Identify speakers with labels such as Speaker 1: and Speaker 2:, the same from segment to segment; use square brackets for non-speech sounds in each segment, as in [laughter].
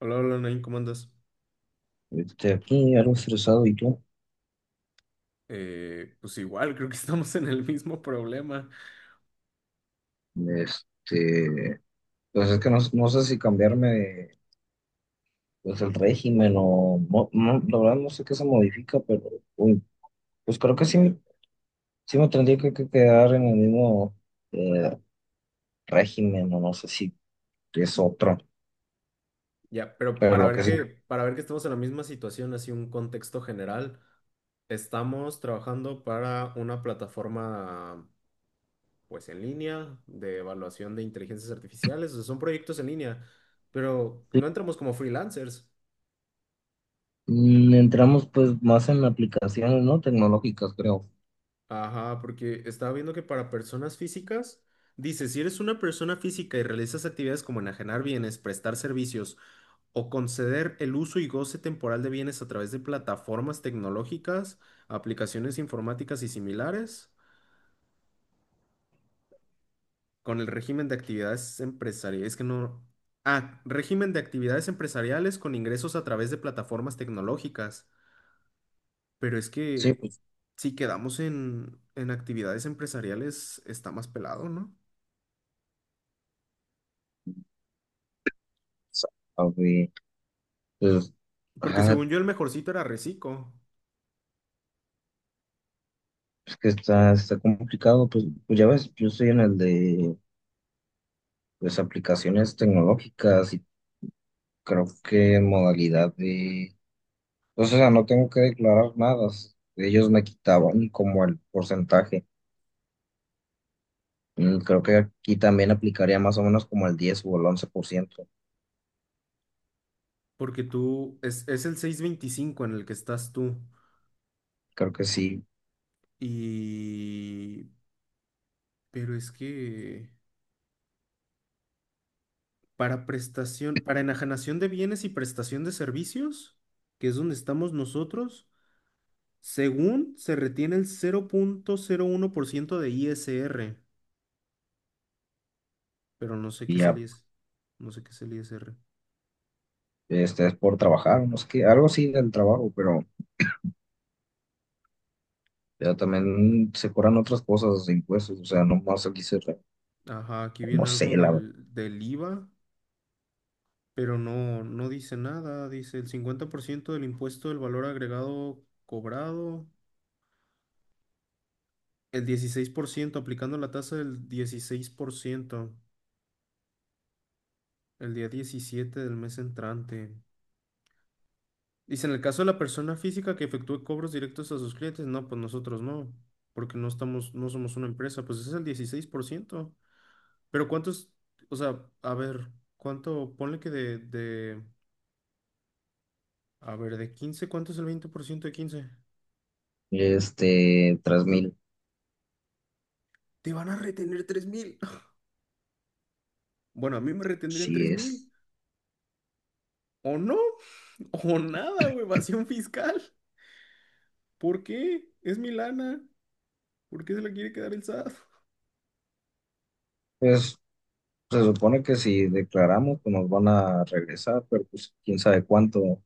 Speaker 1: Hola, hola, Nain, ¿cómo andas?
Speaker 2: Aquí algo estresado, ¿y tú?
Speaker 1: Pues igual, creo que [laughs] estamos en el mismo problema.
Speaker 2: Este, pues es que no sé si cambiarme pues el régimen o no, no, la verdad no sé qué se modifica, pero uy, pues creo que sí, sí me tendría que quedar en el mismo eh, régimen o no sé si es otro,
Speaker 1: Ya, pero
Speaker 2: pero lo que sí.
Speaker 1: para ver que estamos en la misma situación, así un contexto general, estamos trabajando para una plataforma, pues en línea, de evaluación de inteligencias artificiales, o sea, son proyectos en línea, pero no entramos como freelancers.
Speaker 2: Mm. Entramos pues más en aplicaciones, ¿no? Tecnológicas, creo.
Speaker 1: Ajá, porque estaba viendo que para personas físicas, dice, si eres una persona física y realizas actividades como enajenar bienes, prestar servicios o conceder el uso y goce temporal de bienes a través de plataformas tecnológicas, aplicaciones informáticas y similares, con el régimen de actividades empresariales, es que no... Ah, régimen de actividades empresariales con ingresos a través de plataformas tecnológicas. Pero es
Speaker 2: Sí,
Speaker 1: que
Speaker 2: pues,
Speaker 1: si quedamos en actividades empresariales, está más pelado, ¿no?
Speaker 2: sabe, pues,
Speaker 1: Porque
Speaker 2: ah,
Speaker 1: según yo el mejorcito era Recico,
Speaker 2: es que está complicado, pues, pues ya ves, yo estoy en el de pues aplicaciones tecnológicas y creo que modalidad de, pues, o sea, no tengo que declarar nada. Ellos me quitaban como el porcentaje. Mm. Creo que aquí también aplicaría más o menos como el 10% o el 11%.
Speaker 1: porque tú es el 625 en el que estás tú.
Speaker 2: Creo que sí,
Speaker 1: Y... Pero es que para prestación, para enajenación de bienes y prestación de servicios, que es donde estamos nosotros, según se retiene el 0.01% de ISR, pero no sé qué
Speaker 2: y
Speaker 1: es el
Speaker 2: ya,
Speaker 1: ISR. No sé qué es el ISR.
Speaker 2: este es por trabajar, no es que algo sí del trabajo, pero también se cobran otras cosas, de impuestos, o sea, no más aquí
Speaker 1: Ajá, aquí
Speaker 2: no
Speaker 1: viene algo
Speaker 2: sé, la verdad.
Speaker 1: del IVA. Pero no, no dice nada. Dice el 50% del impuesto del valor agregado cobrado, el 16% aplicando la tasa del 16% el día 17 del mes entrante. Dice, en el caso de la persona física que efectúe cobros directos a sus clientes, no, pues nosotros no, porque no estamos, no somos una empresa, pues es el dieciséis por ciento. Pero cuántos, o sea, a ver, cuánto, ponle que a ver, de 15, ¿cuánto es el 20% de quince?
Speaker 2: 3,000,
Speaker 1: Te van a retener tres mil. Bueno, a mí me retendrían
Speaker 2: sí
Speaker 1: 3
Speaker 2: es.
Speaker 1: mil. O no, [laughs] o nada, o evasión fiscal. ¿Por qué? Es mi lana. ¿Por qué se la quiere quedar el SAT? [laughs]
Speaker 2: Pues se supone que si declaramos, pues nos van a regresar, pero pues quién sabe cuánto.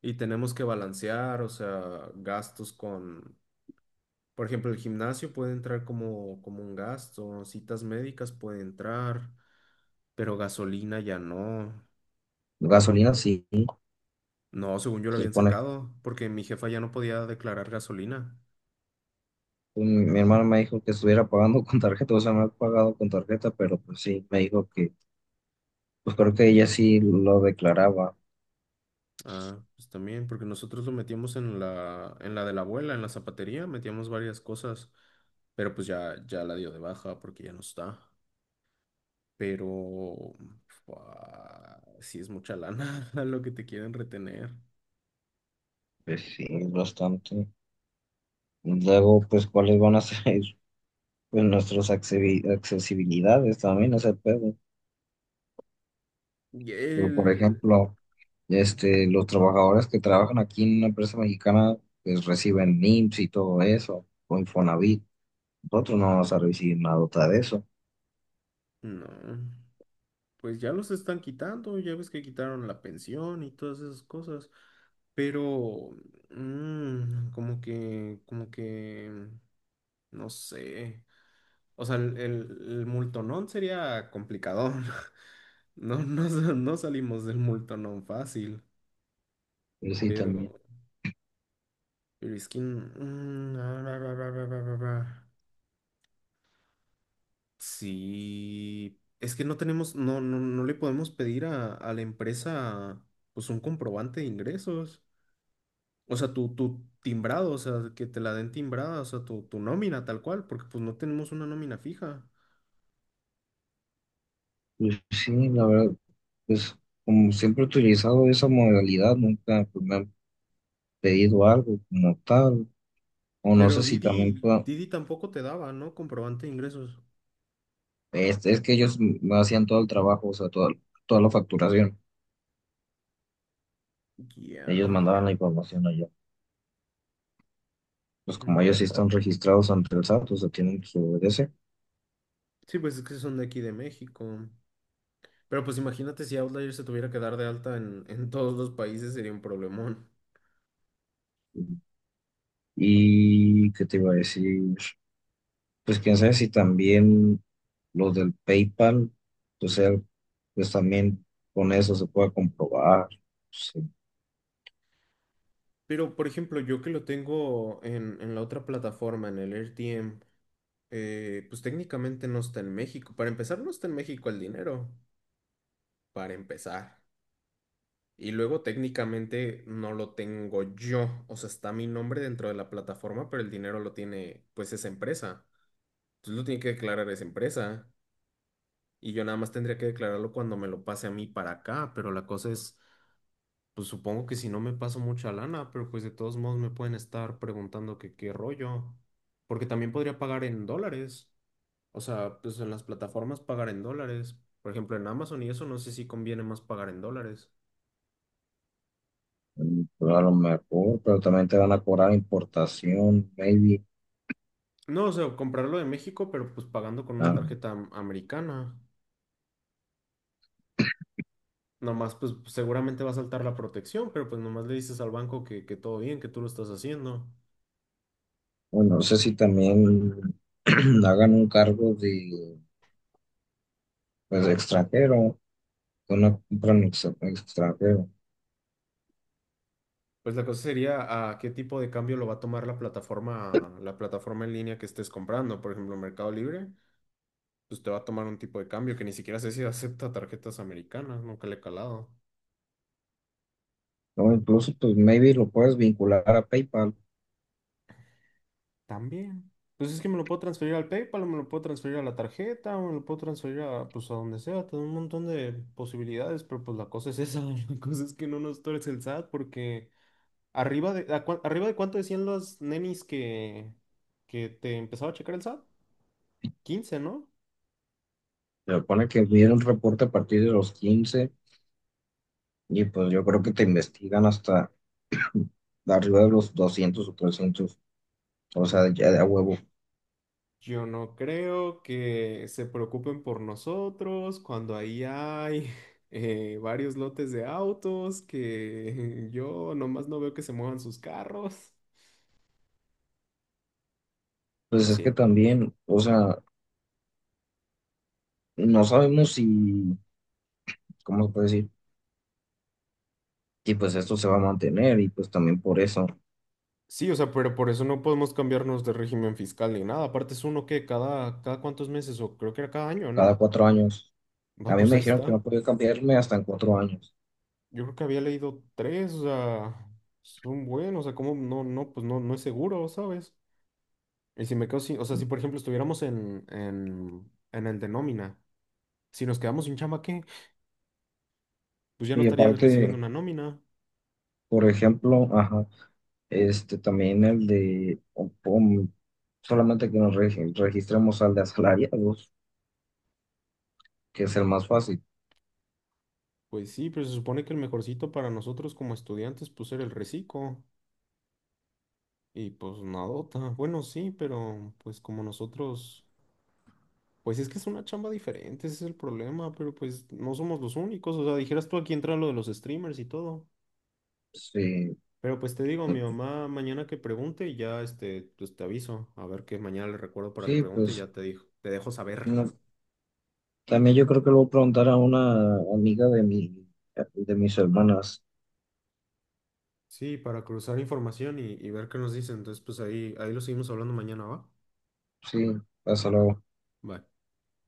Speaker 1: Y tenemos que balancear, o sea, gastos con, por ejemplo, el gimnasio puede entrar como un gasto, citas médicas puede entrar, pero gasolina ya no.
Speaker 2: Gasolina sí,
Speaker 1: No, según yo lo
Speaker 2: se
Speaker 1: habían
Speaker 2: supone.
Speaker 1: sacado, porque mi jefa ya no podía declarar gasolina.
Speaker 2: Pues, mi hermano me dijo que estuviera pagando con tarjeta, o sea, no he pagado con tarjeta, pero pues sí, me dijo que, pues creo que ella sí lo declaraba.
Speaker 1: Ah, pues también, porque nosotros lo metíamos en la de la abuela, en la zapatería, metíamos varias cosas, pero pues ya la dio de baja porque ya no está. Pero fua, sí es mucha lana [laughs] lo que te quieren retener.
Speaker 2: Pues sí, bastante. Luego, pues, ¿cuáles van a ser [laughs] pues, nuestras accesibilidades también, ese pedo?
Speaker 1: Y
Speaker 2: Pero, por
Speaker 1: él,
Speaker 2: ejemplo, los trabajadores que trabajan aquí en una empresa mexicana, pues reciben IMSS y todo eso, o Infonavit. Nosotros no vamos a recibir nada de eso.
Speaker 1: no, pues ya los están quitando, ya ves que quitaron la pensión y todas esas cosas. Pero, como que, no sé. O sea, el multonón sería complicado. [laughs] No, no, no salimos del multonón fácil,
Speaker 2: Pero sí, también.
Speaker 1: pero... Pero es que... mm, ah, ra, ra, ra, ra, ra, ra, ra. Sí, es que no tenemos, no le podemos pedir a la empresa pues un comprobante de ingresos. O sea, tu timbrado, o sea, que te la den timbrada, o sea, tu nómina tal cual, porque pues no tenemos una nómina fija.
Speaker 2: Pues sí, la verdad, pues como siempre he utilizado esa modalidad, nunca pues, me han pedido algo como tal. O no
Speaker 1: Pero
Speaker 2: sé si también
Speaker 1: Didi tampoco te daba, ¿no? Comprobante de ingresos.
Speaker 2: es que ellos me hacían todo el trabajo, o sea, toda la facturación. Ellos
Speaker 1: Ya.
Speaker 2: mandaban la información allá. Pues como ellos
Speaker 1: Mm.
Speaker 2: sí están registrados ante el SAT, o sea, tienen que obedecer.
Speaker 1: Sí, pues es que son de aquí de México. Pero pues imagínate si Outlier se tuviera que dar de alta en [laughs] todos los países, sería un problemón.
Speaker 2: Y qué te iba a decir, pues quién sabe si también los del PayPal, o sea, pues también con eso se puede comprobar, sí,
Speaker 1: Pero por ejemplo, yo que lo tengo en la otra plataforma, en el RTM, pues técnicamente no está en México. Para empezar, no está en México el dinero. Para empezar. Y luego técnicamente no lo tengo yo. O sea, está mi nombre dentro de la plataforma, pero el dinero lo tiene pues esa empresa. Entonces lo tiene que declarar esa empresa. Y yo nada más tendría que declararlo cuando me lo pase a mí para acá, pero la cosa es, pues supongo que si no me paso mucha lana, pero pues de todos modos me pueden estar preguntando que qué rollo, porque también podría pagar en dólares, o sea, pues en las plataformas pagar en dólares, por ejemplo en Amazon y eso, no sé si conviene más pagar en dólares.
Speaker 2: pero a lo mejor, pero también te van a cobrar importación, maybe.
Speaker 1: No, o sea, comprarlo de México, pero pues pagando con una
Speaker 2: Ah,
Speaker 1: tarjeta americana. Nomás, pues seguramente va a saltar la protección, pero pues nomás le dices al banco que todo bien, que tú lo estás haciendo.
Speaker 2: bueno, no sé si también [clears throat] hagan un cargo de, pues, extranjero, de una compra en extranjero.
Speaker 1: Pues la cosa sería a qué tipo de cambio lo va a tomar la plataforma en línea que estés comprando. Por ejemplo, Mercado Libre, pues te va a tomar un tipo de cambio que ni siquiera sé si [laughs] acepta tarjetas americanas, nunca le he calado.
Speaker 2: O incluso, pues, maybe lo puedes vincular a PayPal.
Speaker 1: También. Pues es que me lo puedo transferir al PayPal, o me lo puedo transferir a la tarjeta, o me lo puedo transferir a, pues, a donde sea. Tengo un montón de posibilidades, pero pues la cosa es esa. [laughs] La cosa es que no nos torce el SAT, porque arriba de, ¿a arriba de cuánto decían los nenis que te empezaba a checar el SAT? 15, ¿no?
Speaker 2: Se supone que viene un reporte a partir de los 15. Y pues yo creo que te investigan hasta arriba de los 200 o 300, o sea, ya de a huevo.
Speaker 1: Yo no creo que se preocupen por nosotros cuando ahí hay [laughs] varios lotes de autos que [laughs] yo nomás no veo que se muevan sus carros.
Speaker 2: Pues es
Speaker 1: Así
Speaker 2: que
Speaker 1: es.
Speaker 2: también, o sea, no sabemos si, ¿cómo se puede decir? Si pues esto se va a mantener y pues también por eso,
Speaker 1: Sí, o sea, pero por eso no podemos cambiarnos de régimen fiscal ni nada. Aparte es uno que cada cuántos meses, o creo que era cada año,
Speaker 2: cada
Speaker 1: ¿no?
Speaker 2: cuatro años.
Speaker 1: Va,
Speaker 2: A mí
Speaker 1: pues
Speaker 2: me
Speaker 1: ahí
Speaker 2: dijeron que no
Speaker 1: está.
Speaker 2: podía cambiarme hasta en 4 años.
Speaker 1: Yo creo que había leído tres, o sea, son buenos, o sea, como pues no es seguro, ¿sabes? Y si me quedo sin, o sea, si por ejemplo estuviéramos en el de nómina, si nos quedamos sin chamba, ¿qué? Pues ya no
Speaker 2: Y
Speaker 1: estaría recibiendo
Speaker 2: aparte,
Speaker 1: una nómina.
Speaker 2: por ejemplo, ajá, este también el de, solamente que nos registremos al de asalariados, que es el más fácil.
Speaker 1: Pues sí, pero se supone que el mejorcito para nosotros como estudiantes, pues era el reciclo. Y pues nadota. Bueno, sí, pero pues como nosotros, pues es que es una chamba diferente, ese es el problema, pero pues no somos los únicos. O sea, dijeras tú aquí entra lo de los streamers y todo.
Speaker 2: Sí,
Speaker 1: Pero pues te digo,
Speaker 2: pues.
Speaker 1: mi mamá mañana que pregunte, ya este, pues te aviso. A ver qué mañana le recuerdo para que
Speaker 2: Sí,
Speaker 1: pregunte y
Speaker 2: pues.
Speaker 1: ya te dijo, te dejo saber.
Speaker 2: No. También yo creo que le voy a preguntar a una amiga de mis hermanas.
Speaker 1: Sí, para cruzar información y ver qué nos dicen. Entonces, pues ahí lo seguimos hablando mañana, ¿va?
Speaker 2: Sí, hasta luego.
Speaker 1: Bye.